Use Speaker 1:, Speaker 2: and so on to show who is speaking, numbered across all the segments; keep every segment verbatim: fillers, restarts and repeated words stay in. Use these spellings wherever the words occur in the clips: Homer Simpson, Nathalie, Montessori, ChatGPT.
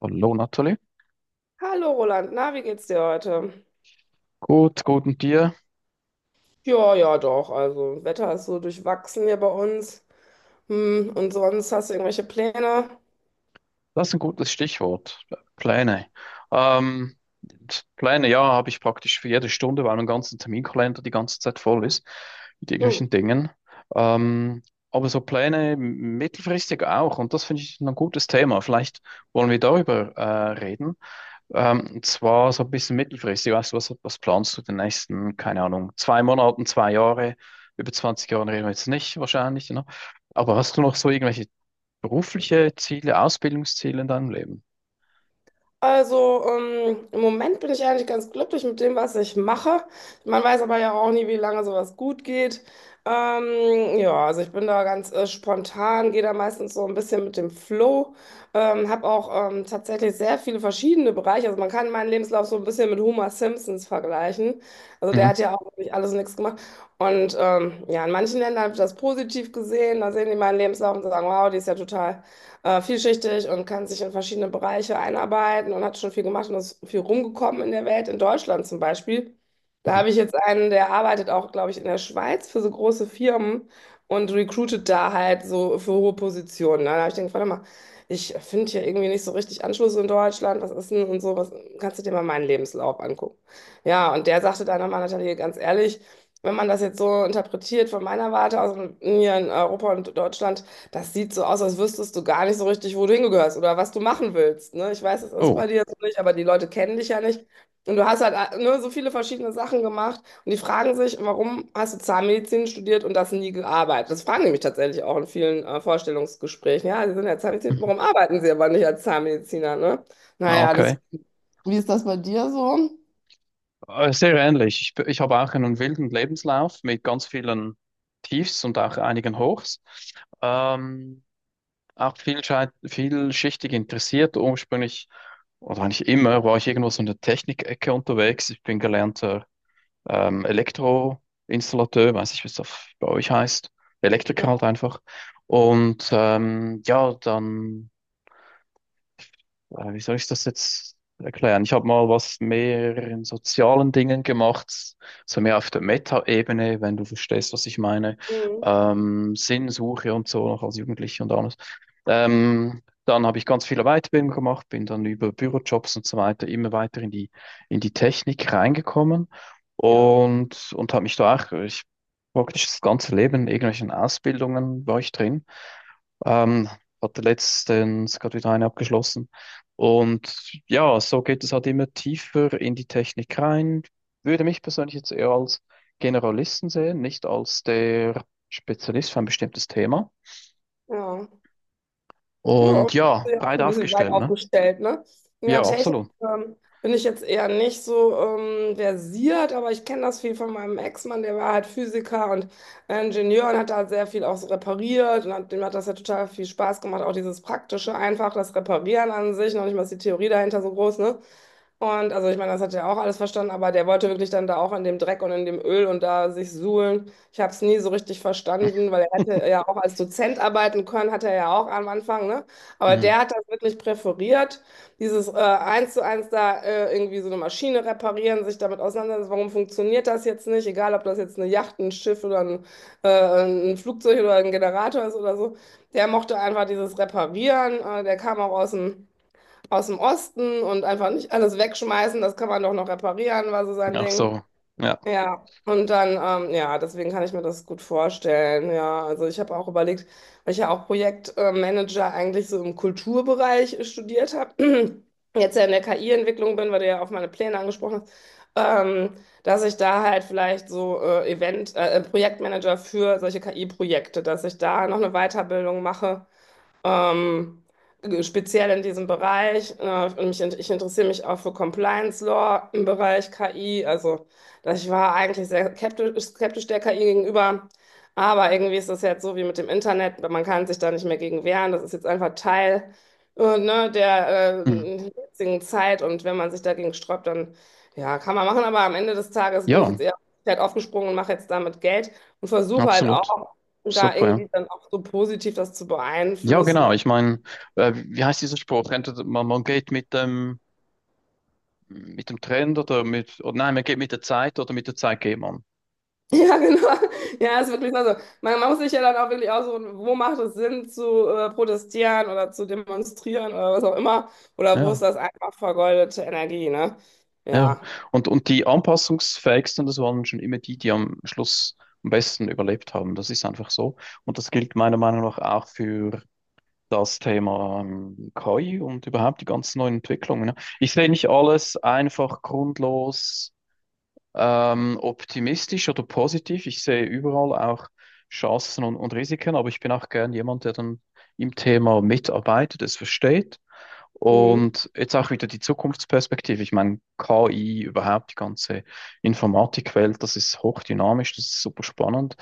Speaker 1: Hallo Nathalie.
Speaker 2: Hallo Roland, na, wie geht's dir heute?
Speaker 1: Gut, gut und dir?
Speaker 2: Ja, ja, doch. Also, Wetter ist so durchwachsen hier bei uns. Hm, und sonst hast du irgendwelche Pläne?
Speaker 1: Das ist ein gutes Stichwort. Pläne. Ähm, Pläne, ja, habe ich praktisch für jede Stunde, weil mein ganzer Terminkalender die ganze Zeit voll ist mit
Speaker 2: Hm.
Speaker 1: irgendwelchen Dingen. Ähm, aber so Pläne m- mittelfristig auch. Und das finde ich ein gutes Thema. Vielleicht wollen wir darüber äh, reden. Ähm, und zwar so ein bisschen mittelfristig. Weißt du, was, was planst du den nächsten, keine Ahnung, zwei Monaten, zwei Jahre? Über zwanzig Jahren reden wir jetzt nicht wahrscheinlich, ne? Aber hast du noch so irgendwelche berufliche Ziele, Ausbildungsziele in deinem Leben.
Speaker 2: Also ähm, im Moment bin ich eigentlich ganz glücklich mit dem, was ich mache. Man weiß aber ja auch nie, wie lange sowas gut geht. Ähm, ja, also ich bin da ganz äh, spontan, gehe da meistens so ein bisschen mit dem Flow. Ähm, habe auch ähm, tatsächlich sehr viele verschiedene Bereiche. Also man kann meinen Lebenslauf so ein bisschen mit Homer Simpsons vergleichen. Also der
Speaker 1: Mhm.
Speaker 2: hat ja auch wirklich alles und nichts gemacht. Und ähm, ja, in manchen Ländern wird das positiv gesehen. Da sehen die meinen Lebenslauf und sagen, wow, die ist ja total äh, vielschichtig und kann sich in verschiedene Bereiche einarbeiten und hat schon viel gemacht und ist viel rumgekommen in der Welt, in Deutschland zum Beispiel. Da
Speaker 1: Mhm.
Speaker 2: habe ich jetzt einen, der arbeitet auch, glaube ich, in der Schweiz für so große Firmen und recruitet da halt so für hohe Positionen, ne? Da habe ich gedacht, warte mal, ich finde hier irgendwie nicht so richtig Anschluss in Deutschland, was ist denn und so, was, kannst du dir mal meinen Lebenslauf angucken? Ja, und der sagte dann nochmal, Nathalie, ganz ehrlich, wenn man das jetzt so interpretiert von meiner Warte aus, hier in Europa und Deutschland, das sieht so aus, als wüsstest du gar nicht so richtig, wo du hingehörst oder was du machen willst. Ne? Ich weiß, es ist
Speaker 1: Oh,
Speaker 2: bei dir so nicht, aber die Leute kennen dich ja nicht. Und du hast halt äh, ne, so viele verschiedene Sachen gemacht und die fragen sich, warum hast du Zahnmedizin studiert und das nie gearbeitet? Das fragen die mich tatsächlich auch in vielen äh, Vorstellungsgesprächen. Ja, Sie sind ja Zahnmediziner,
Speaker 1: mhm.
Speaker 2: warum arbeiten Sie aber nicht als Zahnmediziner? Ne?
Speaker 1: Ah,
Speaker 2: Naja, das,
Speaker 1: okay.
Speaker 2: wie ist das bei dir so?
Speaker 1: Äh, Sehr ähnlich. Ich, b- ich habe auch einen wilden Lebenslauf mit ganz vielen Tiefs und auch einigen Hochs. Ähm, auch vielschei- vielschichtig interessiert. Ursprünglich, oder eigentlich immer, war ich irgendwo so in der Technikecke unterwegs. Ich bin gelernter ähm, Elektroinstallateur, weiß ich, wie es das bei euch heißt. Elektriker halt
Speaker 2: Ja.
Speaker 1: einfach. Und ähm, ja, dann. Äh, wie soll ich das jetzt erklären? Ich habe mal was mehr in sozialen Dingen gemacht, so mehr auf der Meta-Ebene, wenn du verstehst, was ich meine.
Speaker 2: Mhm.
Speaker 1: Ähm, Sinnsuche und so, noch als Jugendlicher und alles. Ähm, dann habe ich ganz viele Weiterbildungen gemacht, bin dann über Bürojobs und so weiter immer weiter in die, in die Technik reingekommen
Speaker 2: Ja,
Speaker 1: und, und habe mich da auch, ich, praktisch das ganze Leben in irgendwelchen Ausbildungen war ich drin. Ähm, hatte letztens gerade wieder eine abgeschlossen. Und ja, so geht es halt immer tiefer in die Technik rein. Würde mich persönlich jetzt eher als Generalisten sehen, nicht als der Spezialist für ein bestimmtes Thema.
Speaker 2: ja. Ja,
Speaker 1: Und ja,
Speaker 2: ja auch
Speaker 1: breit
Speaker 2: ein bisschen weit
Speaker 1: aufgestellt, ne?
Speaker 2: aufgestellt, ne? Ja,
Speaker 1: Ja,
Speaker 2: technisch
Speaker 1: absolut.
Speaker 2: ähm, bin ich jetzt eher nicht so ähm, versiert, aber ich kenne das viel von meinem Ex-Mann, der war halt Physiker und Ingenieur und hat da sehr viel auch so repariert und hat, dem hat das ja total viel Spaß gemacht, auch dieses Praktische einfach, das Reparieren an sich, noch nicht mal ist die Theorie dahinter so groß, ne? Und also ich meine, das hat er auch alles verstanden, aber der wollte wirklich dann da auch in dem Dreck und in dem Öl und da sich suhlen. Ich habe es nie so richtig verstanden, weil er hätte ja auch als Dozent arbeiten können, hat er ja auch am Anfang, ne? Aber
Speaker 1: Mhm.
Speaker 2: der hat das wirklich präferiert, dieses äh, eins zu eins da äh, irgendwie so eine Maschine reparieren, sich damit auseinandersetzen, warum funktioniert das jetzt nicht, egal ob das jetzt eine Yacht, ein Schiff oder ein, äh, ein Flugzeug oder ein Generator ist oder so. Der mochte einfach dieses Reparieren, äh, der kam auch aus dem aus dem Osten und einfach nicht alles wegschmeißen, das kann man doch noch reparieren, war so sein
Speaker 1: Ach
Speaker 2: Ding.
Speaker 1: so, ja.
Speaker 2: Ja, und dann, ähm, ja, deswegen kann ich mir das gut vorstellen. Ja, also ich habe auch überlegt, weil ich ja auch Projektmanager eigentlich so im Kulturbereich studiert habe, jetzt ja in der K I-Entwicklung bin, weil du ja auf meine Pläne angesprochen hast. Ähm, Dass ich da halt vielleicht so äh, Event, äh, Projektmanager für solche K I-Projekte, dass ich da noch eine Weiterbildung mache ähm, speziell in diesem Bereich. Äh, und mich, in- ich interessiere mich auch für Compliance Law im Bereich K I. Also da- ich war eigentlich sehr skeptisch, skeptisch der K I gegenüber. Aber irgendwie ist das jetzt so wie mit dem Internet, man kann sich da nicht mehr gegen wehren. Das ist jetzt einfach Teil, äh, ne, der
Speaker 1: Mhm.
Speaker 2: äh, jetzigen Zeit. Und wenn man sich dagegen sträubt, dann ja, kann man machen. Aber am Ende des Tages bin ich jetzt
Speaker 1: Ja,
Speaker 2: eher halt aufgesprungen und mache jetzt damit Geld und versuche halt
Speaker 1: absolut.
Speaker 2: auch und da
Speaker 1: Super, ja.
Speaker 2: irgendwie dann auch so positiv das zu
Speaker 1: Ja,
Speaker 2: beeinflussen.
Speaker 1: genau. Ich meine, äh, wie heißt dieser Spruch? Entweder man, man geht mit dem, mit dem Trend oder mit, oder nein, man geht mit der Zeit oder mit der Zeit geht man.
Speaker 2: Ja, genau. Ja, ist wirklich so. Also, man, man muss sich ja dann auch wirklich aussuchen, wo macht es Sinn zu äh, protestieren oder zu demonstrieren oder was auch immer. Oder wo ist
Speaker 1: Ja.
Speaker 2: das einfach vergeudete Energie, ne?
Speaker 1: Ja,
Speaker 2: Ja.
Speaker 1: und, und die anpassungsfähigsten, das waren schon immer die, die am Schluss am besten überlebt haben. Das ist einfach so. Und das gilt meiner Meinung nach auch für das Thema ähm, K I und überhaupt die ganzen neuen Entwicklungen, ne? Ich sehe nicht alles einfach grundlos ähm, optimistisch oder positiv. Ich sehe überall auch Chancen und, und Risiken, aber ich bin auch gern jemand, der dann im Thema mitarbeitet, es versteht
Speaker 2: Mhm.
Speaker 1: und jetzt auch wieder die Zukunftsperspektive. Ich meine, K I, überhaupt die ganze Informatikwelt, das ist hochdynamisch, das ist super spannend.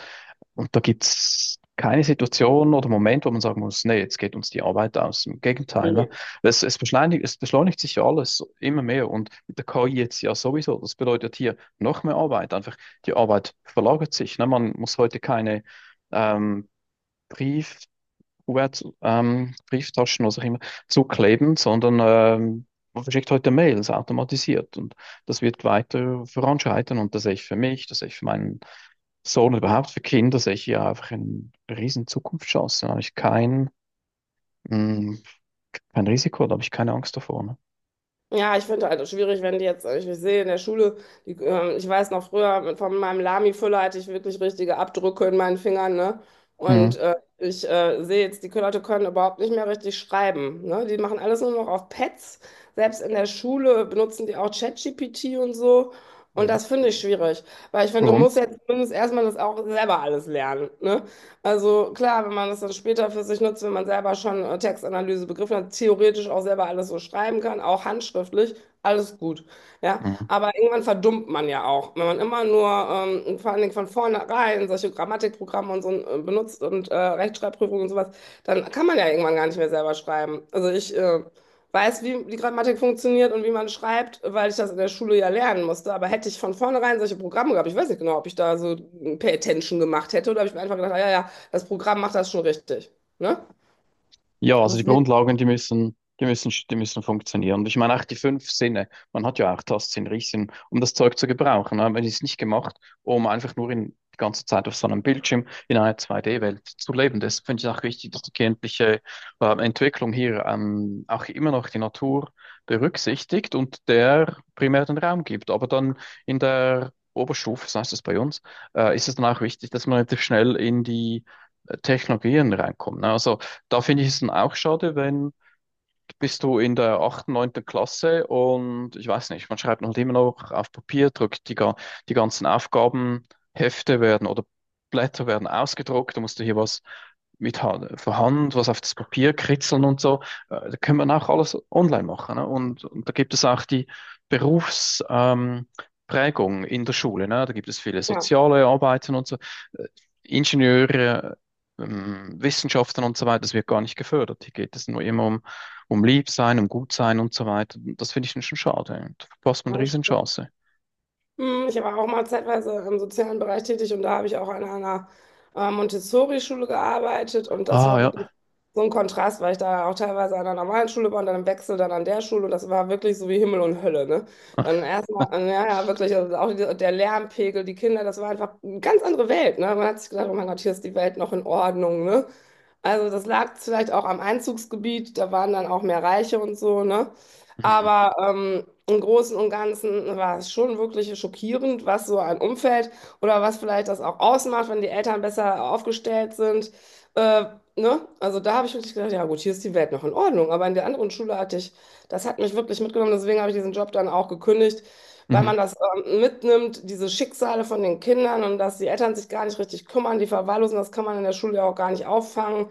Speaker 1: Und da gibt es keine Situation oder Moment, wo man sagen muss, nee, jetzt geht uns die Arbeit aus. Im Gegenteil, ne?
Speaker 2: Ja.
Speaker 1: Es, es beschleunigt, es beschleunigt sich ja alles immer mehr und mit der K I jetzt ja sowieso. Das bedeutet hier noch mehr Arbeit. Einfach die Arbeit verlagert sich. Ne? Man muss heute keine ähm, Brief, Q R-Brieftauschen, ähm, Brieftaschen, was auch immer, zukleben, sondern ähm, man verschickt heute Mails automatisiert und das wird weiter voranschreiten und das sehe ich für mich, das sehe ich für meinen Sohn überhaupt für Kinder, sehe ich ja einfach eine riesen Zukunftschance. Da habe ich kein, mh, kein Risiko, da habe ich keine Angst davor. Ne?
Speaker 2: Ja, ich finde halt schwierig, wenn die jetzt, äh, ich sehe in der Schule, die, ähm, ich weiß noch früher, von meinem Lami-Füller hatte ich wirklich richtige Abdrücke in meinen Fingern, ne? Und
Speaker 1: Mhm.
Speaker 2: äh, ich äh, sehe jetzt, die Leute können überhaupt nicht mehr richtig schreiben, ne? Die machen alles nur noch auf Pads. Selbst in der Schule benutzen die auch ChatGPT und so. Und
Speaker 1: Mhm.
Speaker 2: das finde ich schwierig, weil ich finde, du
Speaker 1: Warum?
Speaker 2: musst jetzt zumindest erstmal das auch selber alles lernen, ne? Also klar, wenn man das dann später für sich nutzt, wenn man selber schon äh, Textanalyse begriffen hat, theoretisch auch selber alles so schreiben kann, auch handschriftlich, alles gut. Ja,
Speaker 1: Mhm.
Speaker 2: aber irgendwann verdummt man ja auch, wenn man immer nur ähm, vor allen Dingen von vornherein solche Grammatikprogramme und so äh, benutzt und äh, Rechtschreibprüfungen und sowas, dann kann man ja irgendwann gar nicht mehr selber schreiben. Also ich äh, weiß, wie die Grammatik funktioniert und wie man schreibt, weil ich das in der Schule ja lernen musste. Aber hätte ich von vornherein solche Programme gehabt, ich weiß nicht genau, ob ich da so ein Pay Attention gemacht hätte oder ob ich mir einfach gedacht, ah, ja, ja, das Programm macht das schon richtig. Ne?
Speaker 1: Ja, also die
Speaker 2: Deswegen,
Speaker 1: Grundlagen, die müssen, die müssen, die müssen funktionieren. Und ich meine auch die fünf Sinne. Man hat ja auch Tastsinn, Riechsinn, um das Zeug zu gebrauchen, ne? Man ist nicht gemacht, um einfach nur in, die ganze Zeit auf so einem Bildschirm in einer zwei D-Welt zu leben. Das finde ich auch wichtig, dass die kindliche äh, Entwicklung hier ähm, auch immer noch die Natur berücksichtigt und der primär den Raum gibt. Aber dann in der Oberstufe, so heißt es bei uns, äh, ist es dann auch wichtig, dass man relativ schnell in die äh, Technologien reinkommt, ne? Also da finde ich es dann auch schade, wenn bist du in der achten, neunten Klasse und ich weiß nicht, man schreibt halt immer noch auf Papier, drückt die, ga- die ganzen Aufgabenhefte werden oder Blätter werden ausgedruckt, da musst du hier was mit Hand, von Hand, was auf das Papier kritzeln und so. Äh, Da kann man auch alles online machen. Ne? Und, und da gibt es auch die Berufs, ähm, Prägung in der Schule. Ne? Da gibt es viele
Speaker 2: ja,
Speaker 1: soziale Arbeiten und so. Äh, Ingenieure, ähm, Wissenschaften und so weiter, das wird gar nicht gefördert. Hier geht es nur immer um um lieb sein, um gut sein und so weiter. Das finde ich dann schon schade. Da verpasst man
Speaker 2: ja,
Speaker 1: eine
Speaker 2: das stimmt.
Speaker 1: Riesenchance.
Speaker 2: Hm, ich war auch mal zeitweise im sozialen Bereich tätig und da habe ich auch an einer äh, Montessori-Schule gearbeitet und das
Speaker 1: Ah,
Speaker 2: war wirklich
Speaker 1: ja.
Speaker 2: so ein Kontrast, weil ich da auch teilweise an einer normalen Schule war und dann im Wechsel dann an der Schule und das war wirklich so wie Himmel und Hölle, ne? Dann erstmal, äh, ja, ja, wirklich, also auch die, der Lärmpegel, die Kinder, das war einfach eine ganz andere Welt, ne? Man hat sich gedacht, oh mein Gott, hier ist die Welt noch in Ordnung, ne? Also das lag vielleicht auch am Einzugsgebiet, da waren dann auch mehr Reiche und so, ne?
Speaker 1: Mhm.
Speaker 2: Aber ähm, im Großen und Ganzen war es schon wirklich schockierend, was so ein Umfeld oder was vielleicht das auch ausmacht, wenn die Eltern besser aufgestellt sind. Äh, ne? Also da habe ich wirklich gedacht, ja gut, hier ist die Welt noch in Ordnung. Aber in der anderen Schule hatte ich, das hat mich wirklich mitgenommen, deswegen habe ich diesen Job dann auch gekündigt, weil
Speaker 1: Mhm.
Speaker 2: man das ähm, mitnimmt, diese Schicksale von den Kindern und dass die Eltern sich gar nicht richtig kümmern, die verwahrlosen, das kann man in der Schule ja auch gar nicht auffangen.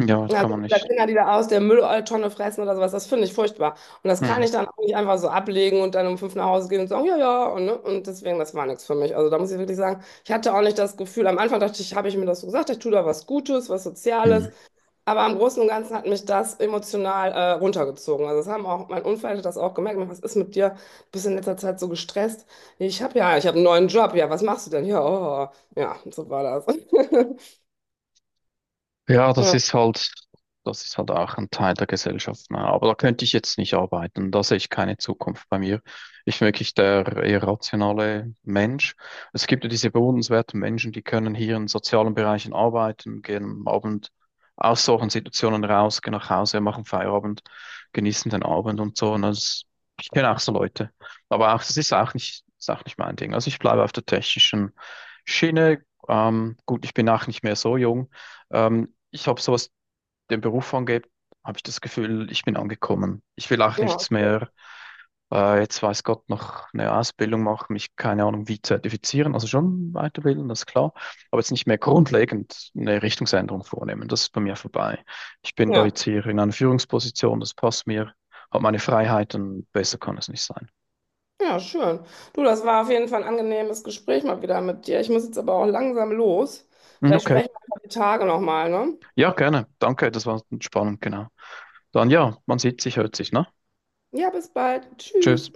Speaker 1: Ja, das
Speaker 2: Ja,
Speaker 1: kann man
Speaker 2: wie gesagt,
Speaker 1: nicht.
Speaker 2: Kinder, die da aus der Mülltonne fressen oder sowas, das finde ich furchtbar. Und das kann
Speaker 1: Mhm.
Speaker 2: ich dann auch nicht einfach so ablegen und dann um fünf nach Hause gehen und sagen, ja, ja, und, ne? Und deswegen, das war nichts für mich. Also da muss ich wirklich sagen, ich hatte auch nicht das Gefühl, am Anfang dachte ich, habe ich mir das so gesagt, ich tue da was Gutes, was Soziales,
Speaker 1: Mhm.
Speaker 2: aber im Großen und Ganzen hat mich das emotional äh, runtergezogen. Also das haben auch, mein Umfeld hat das auch gemerkt, was ist mit dir? Du bist in letzter Zeit so gestresst. Ich habe ja, ich habe einen neuen Job, ja, was machst du denn? Ja, oh, ja, so war das.
Speaker 1: Ja, das
Speaker 2: Ja,
Speaker 1: ist halt, das ist halt auch ein Teil der Gesellschaft. Ne? Aber da könnte ich jetzt nicht arbeiten. Da sehe ich keine Zukunft bei mir. Ich bin wirklich der eher rationale Mensch. Es gibt ja diese bewundernswerten Menschen, die können hier in sozialen Bereichen arbeiten, gehen am Abend aus solchen Situationen raus, gehen nach Hause, machen Feierabend, genießen den Abend und so. Und das, ich kenne auch so Leute. Aber auch, das ist auch nicht, ist auch nicht mein Ding. Also ich bleibe auf der technischen Schiene. Ähm, gut, ich bin auch nicht mehr so jung. Ähm, ich habe so was den Beruf angeht, habe ich das Gefühl, ich bin angekommen. Ich will auch
Speaker 2: ja,
Speaker 1: nichts
Speaker 2: okay.
Speaker 1: mehr, äh, jetzt weiß Gott, noch eine Ausbildung machen, mich keine Ahnung wie zertifizieren, also schon weiterbilden, das ist klar, aber jetzt nicht mehr grundlegend eine Richtungsänderung vornehmen. Das ist bei mir vorbei. Ich bin da
Speaker 2: Ja.
Speaker 1: jetzt hier in einer Führungsposition, das passt mir, habe meine Freiheiten, besser kann es nicht sein.
Speaker 2: Ja, schön. Du, das war auf jeden Fall ein angenehmes Gespräch mal wieder mit dir. Ich muss jetzt aber auch langsam los.
Speaker 1: Hm,
Speaker 2: Vielleicht
Speaker 1: okay,
Speaker 2: sprechen wir die Tage nochmal, ne?
Speaker 1: ja, gerne. Danke, das war spannend, genau. Dann ja, man sieht sich, hört sich, ne?
Speaker 2: Ja, bis bald.
Speaker 1: Tschüss.
Speaker 2: Tschüss.